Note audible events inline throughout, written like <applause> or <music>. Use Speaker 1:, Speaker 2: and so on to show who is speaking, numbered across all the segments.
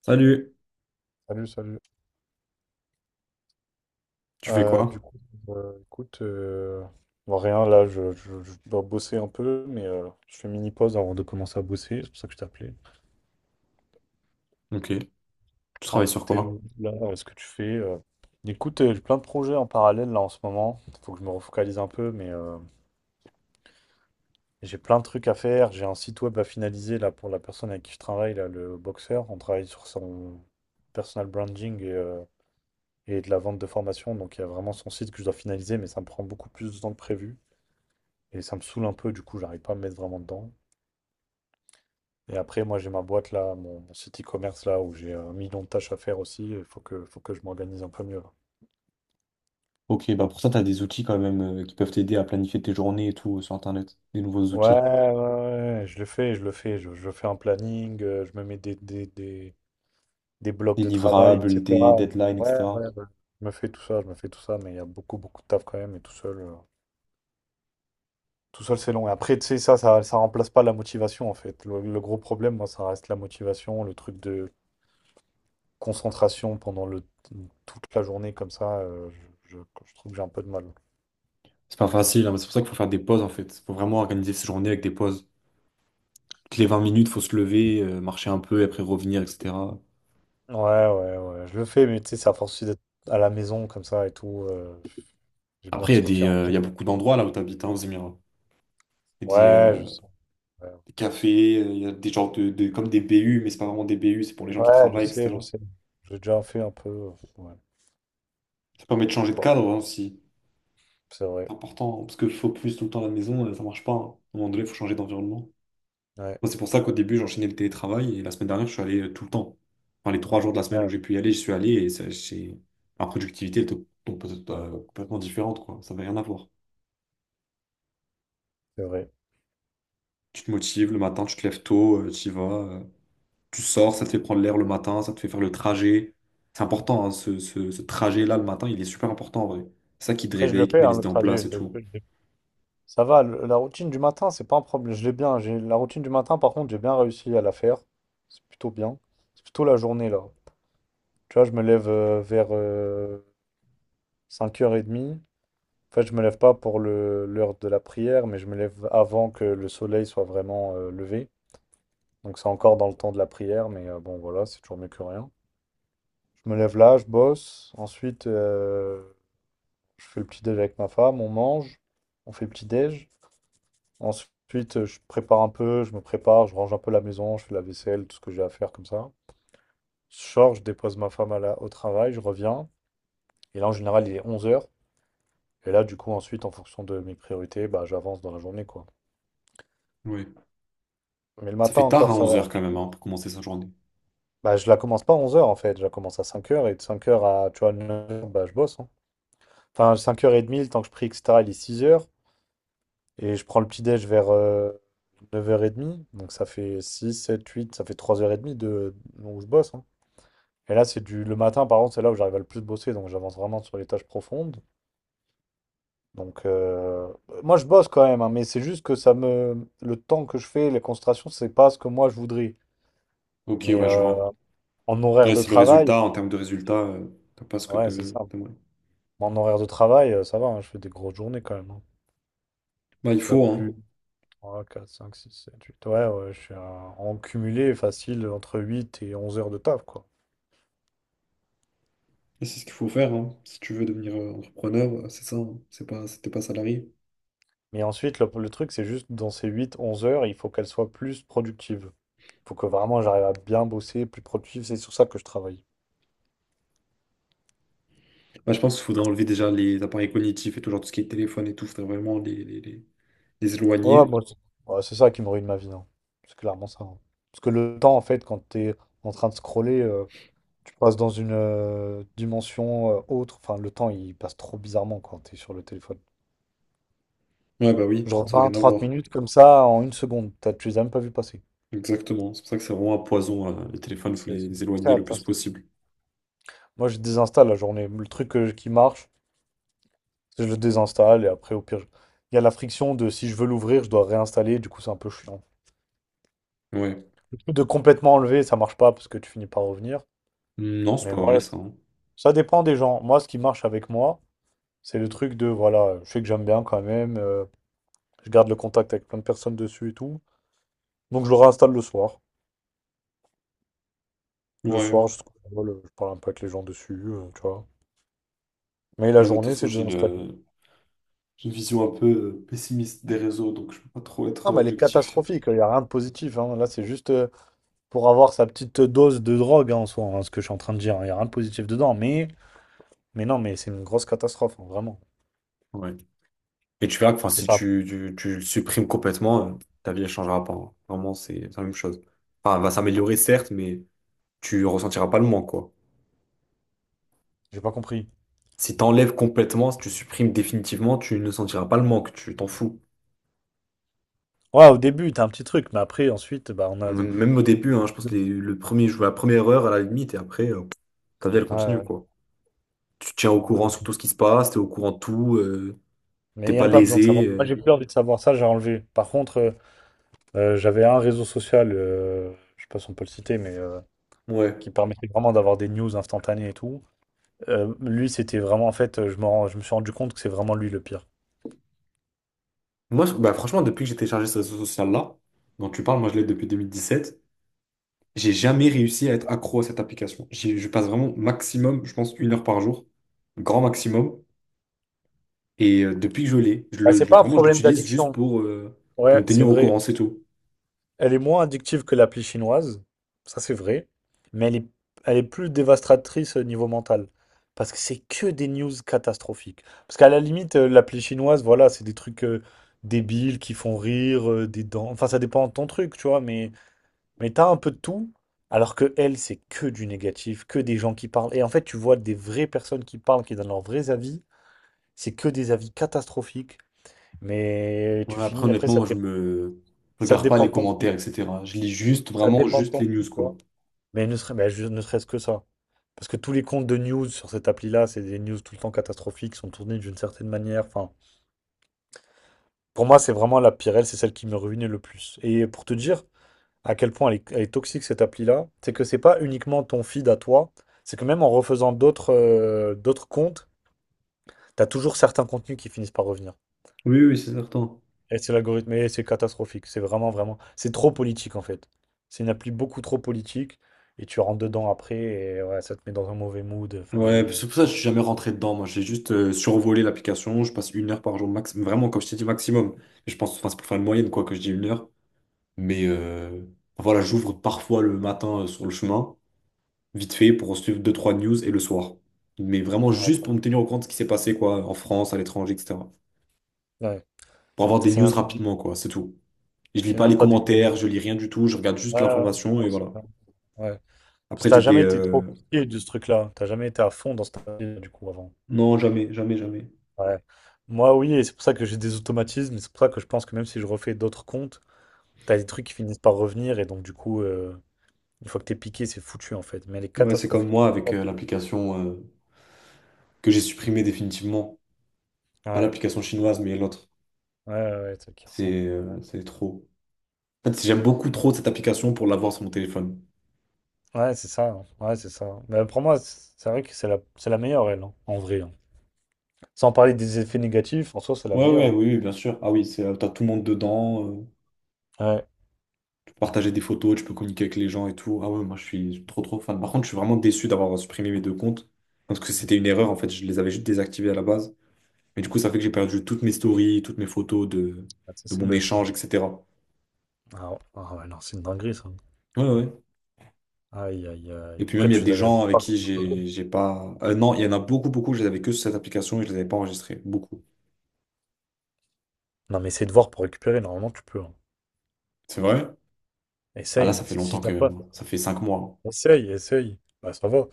Speaker 1: Salut.
Speaker 2: Salut, salut.
Speaker 1: Tu fais
Speaker 2: Du
Speaker 1: quoi?
Speaker 2: coup, écoute, bon, rien, là, je dois bosser un peu, mais je fais mini pause avant de commencer à bosser, c'est pour ça que je t'appelais.
Speaker 1: Ok. Tu
Speaker 2: Un
Speaker 1: travailles
Speaker 2: peu
Speaker 1: sur
Speaker 2: tes
Speaker 1: quoi?
Speaker 2: nouvelles, là, ce que tu fais. Écoute, j'ai plein de projets en parallèle, là, en ce moment. Il faut que je me refocalise un peu, mais j'ai plein de trucs à faire. J'ai un site web à finaliser, là, pour la personne avec qui je travaille, là, le boxeur. On travaille sur son personal branding et de la vente de formation, donc il y a vraiment son site que je dois finaliser, mais ça me prend beaucoup plus de temps que prévu. Et ça me saoule un peu, du coup, j'arrive pas à me mettre vraiment dedans. Et après, moi, j'ai ma boîte là, mon site e-commerce là, où j'ai un million de tâches à faire aussi. Il faut que je m'organise un peu mieux.
Speaker 1: Ok, bah pour ça, t'as des outils quand même qui peuvent t'aider à planifier tes journées et tout sur Internet. Des nouveaux
Speaker 2: Ouais,
Speaker 1: outils.
Speaker 2: ouais, ouais, je le fais, je le fais. Je fais un planning, je me mets des blocs
Speaker 1: Des
Speaker 2: de travail,
Speaker 1: livrables, des
Speaker 2: etc.
Speaker 1: deadlines,
Speaker 2: Ouais,
Speaker 1: etc.
Speaker 2: je me fais tout ça, je me fais tout ça, mais il y a beaucoup, beaucoup de taf quand même, et tout seul, c'est long. Et après, tu sais, ça remplace pas la motivation, en fait. Le gros problème, moi, ça reste la motivation, le truc de concentration pendant le toute la journée comme ça, je trouve que j'ai un peu de mal.
Speaker 1: C'est pas facile, hein, mais c'est pour ça qu'il faut faire des pauses en fait. Faut vraiment organiser ses journées avec des pauses. Toutes les 20 minutes, faut se lever, marcher un peu et après revenir, etc.
Speaker 2: Ouais, ouais, ouais, je le fais, mais tu sais, c'est à force aussi d'être à la maison comme ça et tout, j'ai besoin
Speaker 1: Après,
Speaker 2: de sortir en fait.
Speaker 1: il y a beaucoup d'endroits là où t'habites, hein, aux Émirats. Il y a
Speaker 2: Ouais, je sais, ouais.
Speaker 1: des cafés, il y a des genres comme des BU, mais c'est pas vraiment des BU, c'est pour les gens
Speaker 2: Ouais,
Speaker 1: qui
Speaker 2: ouais, je
Speaker 1: travaillent,
Speaker 2: sais, je
Speaker 1: etc.
Speaker 2: sais. J'ai déjà fait un peu, ouais,
Speaker 1: Ça permet de
Speaker 2: je sais
Speaker 1: changer de
Speaker 2: pas,
Speaker 1: cadre, hein, aussi.
Speaker 2: c'est vrai.
Speaker 1: C'est important, hein, parce que focus tout le temps à la maison, ça marche pas, hein. À un moment donné, il faut changer d'environnement.
Speaker 2: Ouais,
Speaker 1: Moi, c'est pour ça qu'au début, j'enchaînais le télétravail et la semaine dernière, je suis allé tout le temps. Enfin, les 3 jours de la semaine où
Speaker 2: ouais,
Speaker 1: j'ai pu y aller, je suis allé et ma productivité était donc, peut-être, complètement différente, quoi. Ça n'avait rien à voir.
Speaker 2: c'est vrai.
Speaker 1: Tu te motives le matin, tu te lèves tôt, tu y vas, tu sors, ça te fait prendre l'air le matin, ça te fait faire le trajet. C'est important, hein, ce trajet-là le matin, il est super important en vrai. C'est ça qui te
Speaker 2: Après je le
Speaker 1: réveille, qui te
Speaker 2: fais,
Speaker 1: met
Speaker 2: hein,
Speaker 1: les
Speaker 2: le
Speaker 1: idées en
Speaker 2: trajet,
Speaker 1: place et
Speaker 2: je le
Speaker 1: tout.
Speaker 2: fais, je l'ai, ça va, le la routine du matin, c'est pas un problème, je l'ai bien, j'ai la routine du matin, par contre, j'ai bien réussi à la faire, c'est plutôt bien. C'est plutôt la journée là. Tu vois, je me lève vers cinq heures h 30. En fait, je me lève pas pour l'heure de la prière, mais je me lève avant que le soleil soit vraiment levé. Donc c'est encore dans le temps de la prière, mais bon, voilà, c'est toujours mieux que rien. Je me lève là, je bosse. Ensuite, je fais le petit déj avec ma femme, on mange, on fait le petit déj. Ensuite, je prépare un peu, je me prépare, je range un peu la maison, je fais la vaisselle, tout ce que j'ai à faire comme ça. Je sors, je dépose ma femme au travail, je reviens. Et là, en général, il est 11h. Et là, du coup, ensuite, en fonction de mes priorités, bah, j'avance dans la journée, quoi.
Speaker 1: Oui.
Speaker 2: Mais le
Speaker 1: Ça
Speaker 2: matin
Speaker 1: fait tard
Speaker 2: encore,
Speaker 1: à
Speaker 2: ça
Speaker 1: 11 heures
Speaker 2: va.
Speaker 1: quand même, hein, pour commencer sa journée.
Speaker 2: Bah, je la commence pas à 11h en fait. Je la commence à 5h. Et de 5h à, tu vois, 9h, bah, je bosse, hein. Enfin, 5h30, le temps que je prie, etc., il est 6h. Et je prends le petit-déj vers 9h30. Donc, ça fait 6 7 huit, ça fait 3h30 de... où je bosse, hein. Et là, c'est du... le matin, par contre, c'est là où j'arrive à le plus bosser. Donc, j'avance vraiment sur les tâches profondes. Donc, moi, je bosse quand même, hein, mais c'est juste que ça me... Le temps que je fais, les concentrations, c'est pas ce que moi, je voudrais.
Speaker 1: Ok,
Speaker 2: Mais
Speaker 1: ouais, je vois.
Speaker 2: en horaire
Speaker 1: Ouais,
Speaker 2: de
Speaker 1: c'est le
Speaker 2: travail,
Speaker 1: résultat, en termes de résultat, t'as pas ce que
Speaker 2: ouais, c'est ça.
Speaker 1: t'aimerais.
Speaker 2: En horaire de travail, ça va, hein, je fais des grosses journées quand même, hein.
Speaker 1: Bah, il
Speaker 2: Je suis à
Speaker 1: faut,
Speaker 2: plus
Speaker 1: hein.
Speaker 2: de 3 4 5 6 7 8. Ouais, ouais, en cumulé facile entre 8 et 11 heures de taf, quoi.
Speaker 1: Et c'est ce qu'il faut faire, hein. Si tu veux devenir entrepreneur, c'est ça, hein. C'était pas salarié.
Speaker 2: Mais ensuite, le truc, c'est juste dans ces 8 11 heures, il faut qu'elles soient plus productives. Faut que vraiment j'arrive à bien bosser, plus productif. C'est sur ça que je travaille.
Speaker 1: Bah, je pense qu'il faudrait enlever déjà les appareils cognitifs et tout, genre tout ce qui est téléphone et tout, faudrait vraiment les
Speaker 2: Ouais,
Speaker 1: éloigner.
Speaker 2: moi, c'est, ouais, c'est ça qui me ruine ma vie, hein. C'est clairement ça, hein. Parce que le temps, en fait, quand t'es en train de scroller. Tu passes dans une dimension autre. Enfin, le temps, il passe trop bizarrement quand t'es sur le téléphone.
Speaker 1: Ouais, bah oui,
Speaker 2: Genre
Speaker 1: ça n'a
Speaker 2: 20,
Speaker 1: rien à
Speaker 2: 30
Speaker 1: voir.
Speaker 2: minutes comme ça en une seconde. Tu les as même pas vu passer.
Speaker 1: Exactement. C'est pour ça que c'est vraiment un poison, hein. Les téléphones, il faut
Speaker 2: C'est
Speaker 1: les,
Speaker 2: c'est une
Speaker 1: les éloigner le plus
Speaker 2: catastrophe.
Speaker 1: possible.
Speaker 2: Moi, je désinstalle la journée. Le truc qui marche, c'est que je le désinstalle et après, au pire, il y a la friction de si je veux l'ouvrir, je dois réinstaller. Du coup, c'est un peu chiant. <laughs>
Speaker 1: Ouais.
Speaker 2: Le truc de complètement enlever, ça marche pas parce que tu finis par revenir.
Speaker 1: Non, c'est
Speaker 2: Mais
Speaker 1: pas
Speaker 2: voilà,
Speaker 1: vrai, ça, hein.
Speaker 2: ça dépend des gens. Moi, ce qui marche avec moi, c'est le truc de voilà, je sais que j'aime bien quand même. Je garde le contact avec plein de personnes dessus et tout. Donc je le réinstalle le soir. Le
Speaker 1: Ouais.
Speaker 2: soir, je parle un peu avec les gens dessus, tu vois. Mais la
Speaker 1: Là, mais de toute
Speaker 2: journée,
Speaker 1: façon,
Speaker 2: c'est désinstallé.
Speaker 1: j'ai une vision un peu pessimiste des réseaux, donc je peux pas trop être
Speaker 2: Non, mais elle est
Speaker 1: objectif.
Speaker 2: catastrophique, il n'y a rien de positif, hein. Là, c'est juste pour avoir sa petite dose de drogue, hein, en soi, hein, ce que je suis en train de dire. Il n'y a rien de positif dedans. Mais non, mais c'est une grosse catastrophe, hein, vraiment.
Speaker 1: Ouais. Et tu verras que, enfin,
Speaker 2: Et
Speaker 1: si
Speaker 2: ça,
Speaker 1: tu le supprimes complètement, ta vie ne changera pas, hein. Vraiment, c'est la même chose. Enfin, elle va s'améliorer, certes, mais tu ressentiras pas le manque, quoi.
Speaker 2: j'ai pas compris.
Speaker 1: Si tu enlèves complètement, si tu supprimes définitivement, tu ne sentiras pas le manque, tu t'en fous.
Speaker 2: Ouais, au début, t'as un petit truc, mais après, ensuite, bah, on a. Ouais,
Speaker 1: Même au début, hein, je pense que le premier, je joue à la première heure à la limite, et après, ta vie, elle continue,
Speaker 2: ouais,
Speaker 1: quoi. Tu te tiens au
Speaker 2: on a
Speaker 1: courant sur
Speaker 2: aucune.
Speaker 1: tout ce qui se passe, t'es au courant de tout,
Speaker 2: Mais
Speaker 1: t'es
Speaker 2: il n'y a
Speaker 1: pas
Speaker 2: même pas besoin de
Speaker 1: lésé.
Speaker 2: savoir. Moi, j'ai plus envie de savoir ça, j'ai enlevé. Par contre, j'avais un réseau social, je sais pas si on peut le citer, mais qui
Speaker 1: Ouais.
Speaker 2: permettait vraiment d'avoir des news instantanées et tout. Lui, c'était vraiment, en fait, je me suis rendu compte que c'est vraiment lui le pire.
Speaker 1: Moi, bah, franchement, depuis que j'ai téléchargé ce réseau social-là, dont tu parles, moi je l'ai depuis 2017. J'ai jamais réussi à être accro à cette application. Je passe vraiment maximum, je pense, une heure par jour, grand maximum. Et depuis que je l'ai,
Speaker 2: Bah, c'est pas un
Speaker 1: vraiment, je
Speaker 2: problème
Speaker 1: l'utilise juste
Speaker 2: d'addiction.
Speaker 1: pour
Speaker 2: Ouais,
Speaker 1: me
Speaker 2: c'est
Speaker 1: tenir au courant,
Speaker 2: vrai.
Speaker 1: c'est tout.
Speaker 2: Elle est moins addictive que l'appli chinoise, ça c'est vrai, mais elle est plus dévastatrice au niveau mental. Parce que c'est que des news catastrophiques. Parce qu'à la limite, l'appli chinoise, voilà, c'est des trucs débiles qui font rire, des dents. Enfin, ça dépend de ton truc, tu vois, mais t'as un peu de tout. Alors que elle, c'est que du négatif, que des gens qui parlent. Et en fait, tu vois des vraies personnes qui parlent, qui donnent leurs vrais avis. C'est que des avis catastrophiques. Mais tu
Speaker 1: Ouais, après,
Speaker 2: finis, après,
Speaker 1: honnêtement,
Speaker 2: ça
Speaker 1: moi,
Speaker 2: te dépend.
Speaker 1: je
Speaker 2: Ça te
Speaker 1: regarde pas
Speaker 2: dépend
Speaker 1: les
Speaker 2: de ton feed.
Speaker 1: commentaires, etc. Je lis juste,
Speaker 2: Ça te
Speaker 1: vraiment,
Speaker 2: dépend de
Speaker 1: juste les
Speaker 2: ton feed,
Speaker 1: news,
Speaker 2: tu
Speaker 1: quoi.
Speaker 2: vois. Mais ne serait-ce que ça. Parce que tous les comptes de news sur cette appli-là, c'est des news tout le temps catastrophiques, sont tournées d'une certaine manière. Enfin, pour moi, c'est vraiment la pire, elle, c'est celle qui me ruinait le plus. Et pour te dire à quel point elle est toxique cette appli-là, c'est que c'est pas uniquement ton feed à toi, c'est que même en refaisant d'autres comptes, t'as toujours certains contenus qui finissent par revenir.
Speaker 1: Oui, oui, c'est certain.
Speaker 2: Et c'est l'algorithme, et c'est catastrophique. C'est vraiment, vraiment. C'est trop politique en fait. C'est une appli beaucoup trop politique, et tu rentres dedans après, et ouais, ça te met dans un mauvais mood. Enfin,
Speaker 1: Ouais,
Speaker 2: les.
Speaker 1: c'est pour ça que je suis jamais rentré dedans. Moi, j'ai juste survolé l'application. Je passe une heure par jour, max, vraiment, comme je t'ai dit, maximum. Je pense, enfin, c'est pour faire une moyenne, quoi, que je dis une heure. Mais voilà, j'ouvre parfois le matin sur le chemin, vite fait, pour suivre deux trois news et le soir. Mais vraiment juste pour
Speaker 2: Ouais.
Speaker 1: me tenir au courant de ce qui s'est passé, quoi, en France, à l'étranger, etc.
Speaker 2: Ouais.
Speaker 1: Pour avoir des
Speaker 2: C'est
Speaker 1: news
Speaker 2: même pas des
Speaker 1: rapidement, quoi, c'est tout. Et je lis
Speaker 2: c'est
Speaker 1: pas
Speaker 2: même
Speaker 1: les
Speaker 2: pas des vrais.
Speaker 1: commentaires, je lis rien du tout, je regarde
Speaker 2: Ouais,
Speaker 1: juste
Speaker 2: ouais,
Speaker 1: l'information
Speaker 2: ouais,
Speaker 1: et
Speaker 2: c'est
Speaker 1: voilà.
Speaker 2: vrai. Ouais. Parce que
Speaker 1: Après, j'ai
Speaker 2: t'as
Speaker 1: des...
Speaker 2: jamais été
Speaker 1: euh,
Speaker 2: trop pied de ce truc-là. T'as jamais été à fond dans cette délire, du coup, avant.
Speaker 1: Non, jamais, jamais, jamais.
Speaker 2: Ouais. Moi, oui, et c'est pour ça que j'ai des automatismes. Et c'est pour ça que je pense que même si je refais d'autres comptes, t'as des trucs qui finissent par revenir. Et donc, du coup, une fois que t'es piqué, c'est foutu, en fait. Mais elle est
Speaker 1: Ouais, c'est comme
Speaker 2: catastrophique.
Speaker 1: moi avec
Speaker 2: Ouais,
Speaker 1: l'application que j'ai supprimée définitivement. Pas
Speaker 2: ouais,
Speaker 1: l'application chinoise, mais l'autre.
Speaker 2: ouais, ouais, c'est qui ressemble.
Speaker 1: C'est
Speaker 2: Ouais,
Speaker 1: euh, c'est trop. En fait, j'aime beaucoup trop cette application pour l'avoir sur mon téléphone.
Speaker 2: ouais, ouais, c'est ça, hein. Ouais, c'est ça. Mais pour moi, c'est vrai que c'est la meilleure, elle, hein, en vrai, hein. Sans parler des effets négatifs, en soi, c'est la
Speaker 1: Ouais,
Speaker 2: meilleure,
Speaker 1: ouais,
Speaker 2: hein.
Speaker 1: oui, oui, bien sûr. Ah oui, t'as tout le monde dedans.
Speaker 2: Ouais.
Speaker 1: Partager des photos, tu peux communiquer avec les gens et tout. Ah ouais, moi je suis trop trop fan. Par contre, je suis vraiment déçu d'avoir supprimé mes deux comptes parce que c'était une erreur en fait. Je les avais juste désactivés à la base. Mais du coup, ça fait que j'ai perdu toutes mes stories, toutes mes photos
Speaker 2: Ah, ça,
Speaker 1: de
Speaker 2: c'est
Speaker 1: mon
Speaker 2: bête, ça.
Speaker 1: échange, etc.
Speaker 2: Ah, ouais, ah ouais, non, c'est une dinguerie, ça.
Speaker 1: Ouais, ouais. Ouais.
Speaker 2: Aïe, aïe,
Speaker 1: Et
Speaker 2: aïe.
Speaker 1: puis même,
Speaker 2: Après,
Speaker 1: il y a
Speaker 2: tu les
Speaker 1: des
Speaker 2: avais la
Speaker 1: gens avec
Speaker 2: plupart.
Speaker 1: qui j'ai pas. Non, il y en a beaucoup, beaucoup. Je les avais que sur cette application et je les avais pas enregistrés. Beaucoup.
Speaker 2: Non, mais essaye de voir pour récupérer. Normalement, tu peux, hein.
Speaker 1: C'est vrai? Ah là, ça
Speaker 2: Essaye.
Speaker 1: fait
Speaker 2: Si
Speaker 1: longtemps
Speaker 2: si
Speaker 1: quand
Speaker 2: t'as
Speaker 1: même,
Speaker 2: pas.
Speaker 1: hein. Ça fait 5 mois.
Speaker 2: Essaye, essaye. Bah, ça va.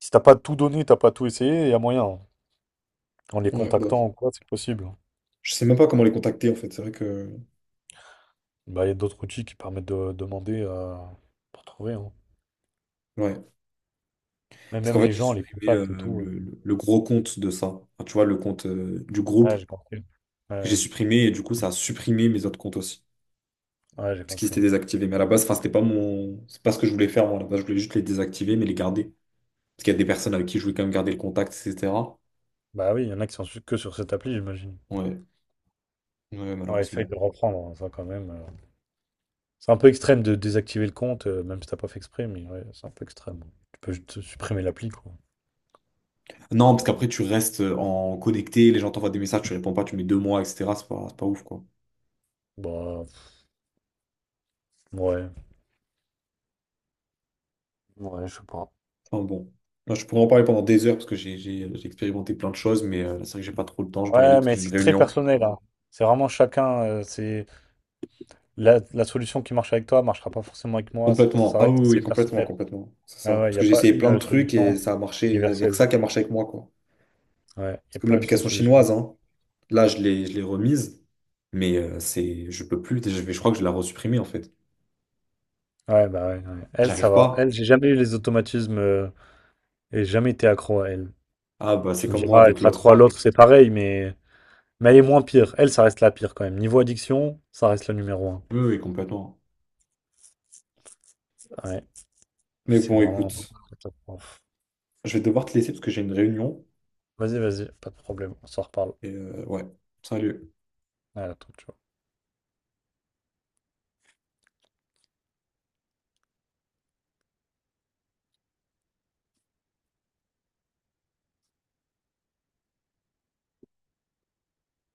Speaker 2: Si t'as pas tout donné, t'as pas tout essayé, il y a moyen, hein. En les
Speaker 1: Ouais, bah,
Speaker 2: contactant ou quoi, c'est possible, hein.
Speaker 1: je sais même pas comment les contacter en fait. C'est vrai que.
Speaker 2: Bah, il y a d'autres outils qui permettent de demander pour trouver, hein.
Speaker 1: Ouais.
Speaker 2: Mais
Speaker 1: Parce
Speaker 2: même
Speaker 1: qu'en fait,
Speaker 2: les
Speaker 1: j'ai
Speaker 2: gens, les
Speaker 1: supprimé
Speaker 2: contacts et tout.
Speaker 1: le, le gros compte de ça. Enfin, tu vois, le compte du groupe.
Speaker 2: Ouais, j'ai compris.
Speaker 1: J'ai
Speaker 2: Ouais,
Speaker 1: supprimé et du coup, ça a supprimé mes autres comptes aussi.
Speaker 2: ouais, j'ai
Speaker 1: Parce qu'ils
Speaker 2: compris.
Speaker 1: étaient désactivés. Mais à la base, enfin, c'était pas mon, c'est pas ce que je voulais faire, moi. À la base, je voulais juste les désactiver, mais les garder. Parce qu'il y a des personnes avec qui je voulais quand même garder le contact, etc.
Speaker 2: Bah oui, il y en a qui sont que sur cette appli, j'imagine.
Speaker 1: Ouais. Ouais,
Speaker 2: Ouais, essaye
Speaker 1: malheureusement.
Speaker 2: de reprendre, hein, ça, quand même. C'est un peu extrême de désactiver le compte, même si t'as pas fait exprès, mais ouais, c'est un peu extrême. Tu peux juste supprimer l'appli, quoi.
Speaker 1: Non, parce qu'après, tu restes en connecté, les gens t'envoient des messages, tu réponds pas, tu mets 2 mois, etc. C'est pas ouf, quoi.
Speaker 2: Bah, ouais. Ouais, je sais pas.
Speaker 1: Enfin, bon. Moi, je pourrais en parler pendant des heures parce que j'ai expérimenté plein de choses, mais là, c'est vrai que j'ai pas trop le temps, je dois y aller
Speaker 2: Ouais,
Speaker 1: parce que
Speaker 2: mais
Speaker 1: j'ai une
Speaker 2: c'est très
Speaker 1: réunion.
Speaker 2: personnel, hein. C'est vraiment chacun. C'est la solution qui marche avec toi marchera pas forcément avec moi.
Speaker 1: Complètement.
Speaker 2: Ça
Speaker 1: Ah oui,
Speaker 2: reste
Speaker 1: oui, oui,
Speaker 2: assez
Speaker 1: complètement,
Speaker 2: personnel.
Speaker 1: complètement. C'est ça.
Speaker 2: Ah ouais, il
Speaker 1: Parce
Speaker 2: n'y
Speaker 1: que
Speaker 2: a
Speaker 1: j'ai
Speaker 2: pas
Speaker 1: essayé
Speaker 2: une
Speaker 1: plein de trucs et
Speaker 2: solution
Speaker 1: ça a marché. Il n'y a que
Speaker 2: universelle.
Speaker 1: ça qui a marché avec moi, quoi.
Speaker 2: Ouais, il n'y
Speaker 1: C'est
Speaker 2: a
Speaker 1: comme
Speaker 2: pas une seule
Speaker 1: l'application
Speaker 2: solution.
Speaker 1: chinoise, hein. Là, je l'ai remise, mais je peux plus. Je crois que je l'ai resupprimée, en fait.
Speaker 2: Ouais, bah ouais, ouais. Elle, ça
Speaker 1: J'arrive
Speaker 2: va. Elle,
Speaker 1: pas.
Speaker 2: j'ai jamais eu les automatismes, et jamais été accro à elle.
Speaker 1: Ah, bah, c'est
Speaker 2: Tu me
Speaker 1: comme moi
Speaker 2: diras,
Speaker 1: avec
Speaker 2: être accro
Speaker 1: l'autre.
Speaker 2: à l'autre, c'est pareil, mais elle est moins pire. Elle, ça reste la pire quand même. Niveau addiction, ça reste le numéro un.
Speaker 1: Oui, oui, complètement.
Speaker 2: Ouais.
Speaker 1: Mais
Speaker 2: C'est
Speaker 1: bon,
Speaker 2: vraiment.
Speaker 1: écoute,
Speaker 2: Catastrophe.
Speaker 1: je vais devoir te laisser parce que j'ai une réunion.
Speaker 2: Vas-y, vas-y, pas de problème. On s'en reparle.
Speaker 1: Ouais, salut.
Speaker 2: Ouais, à la toute, ciao.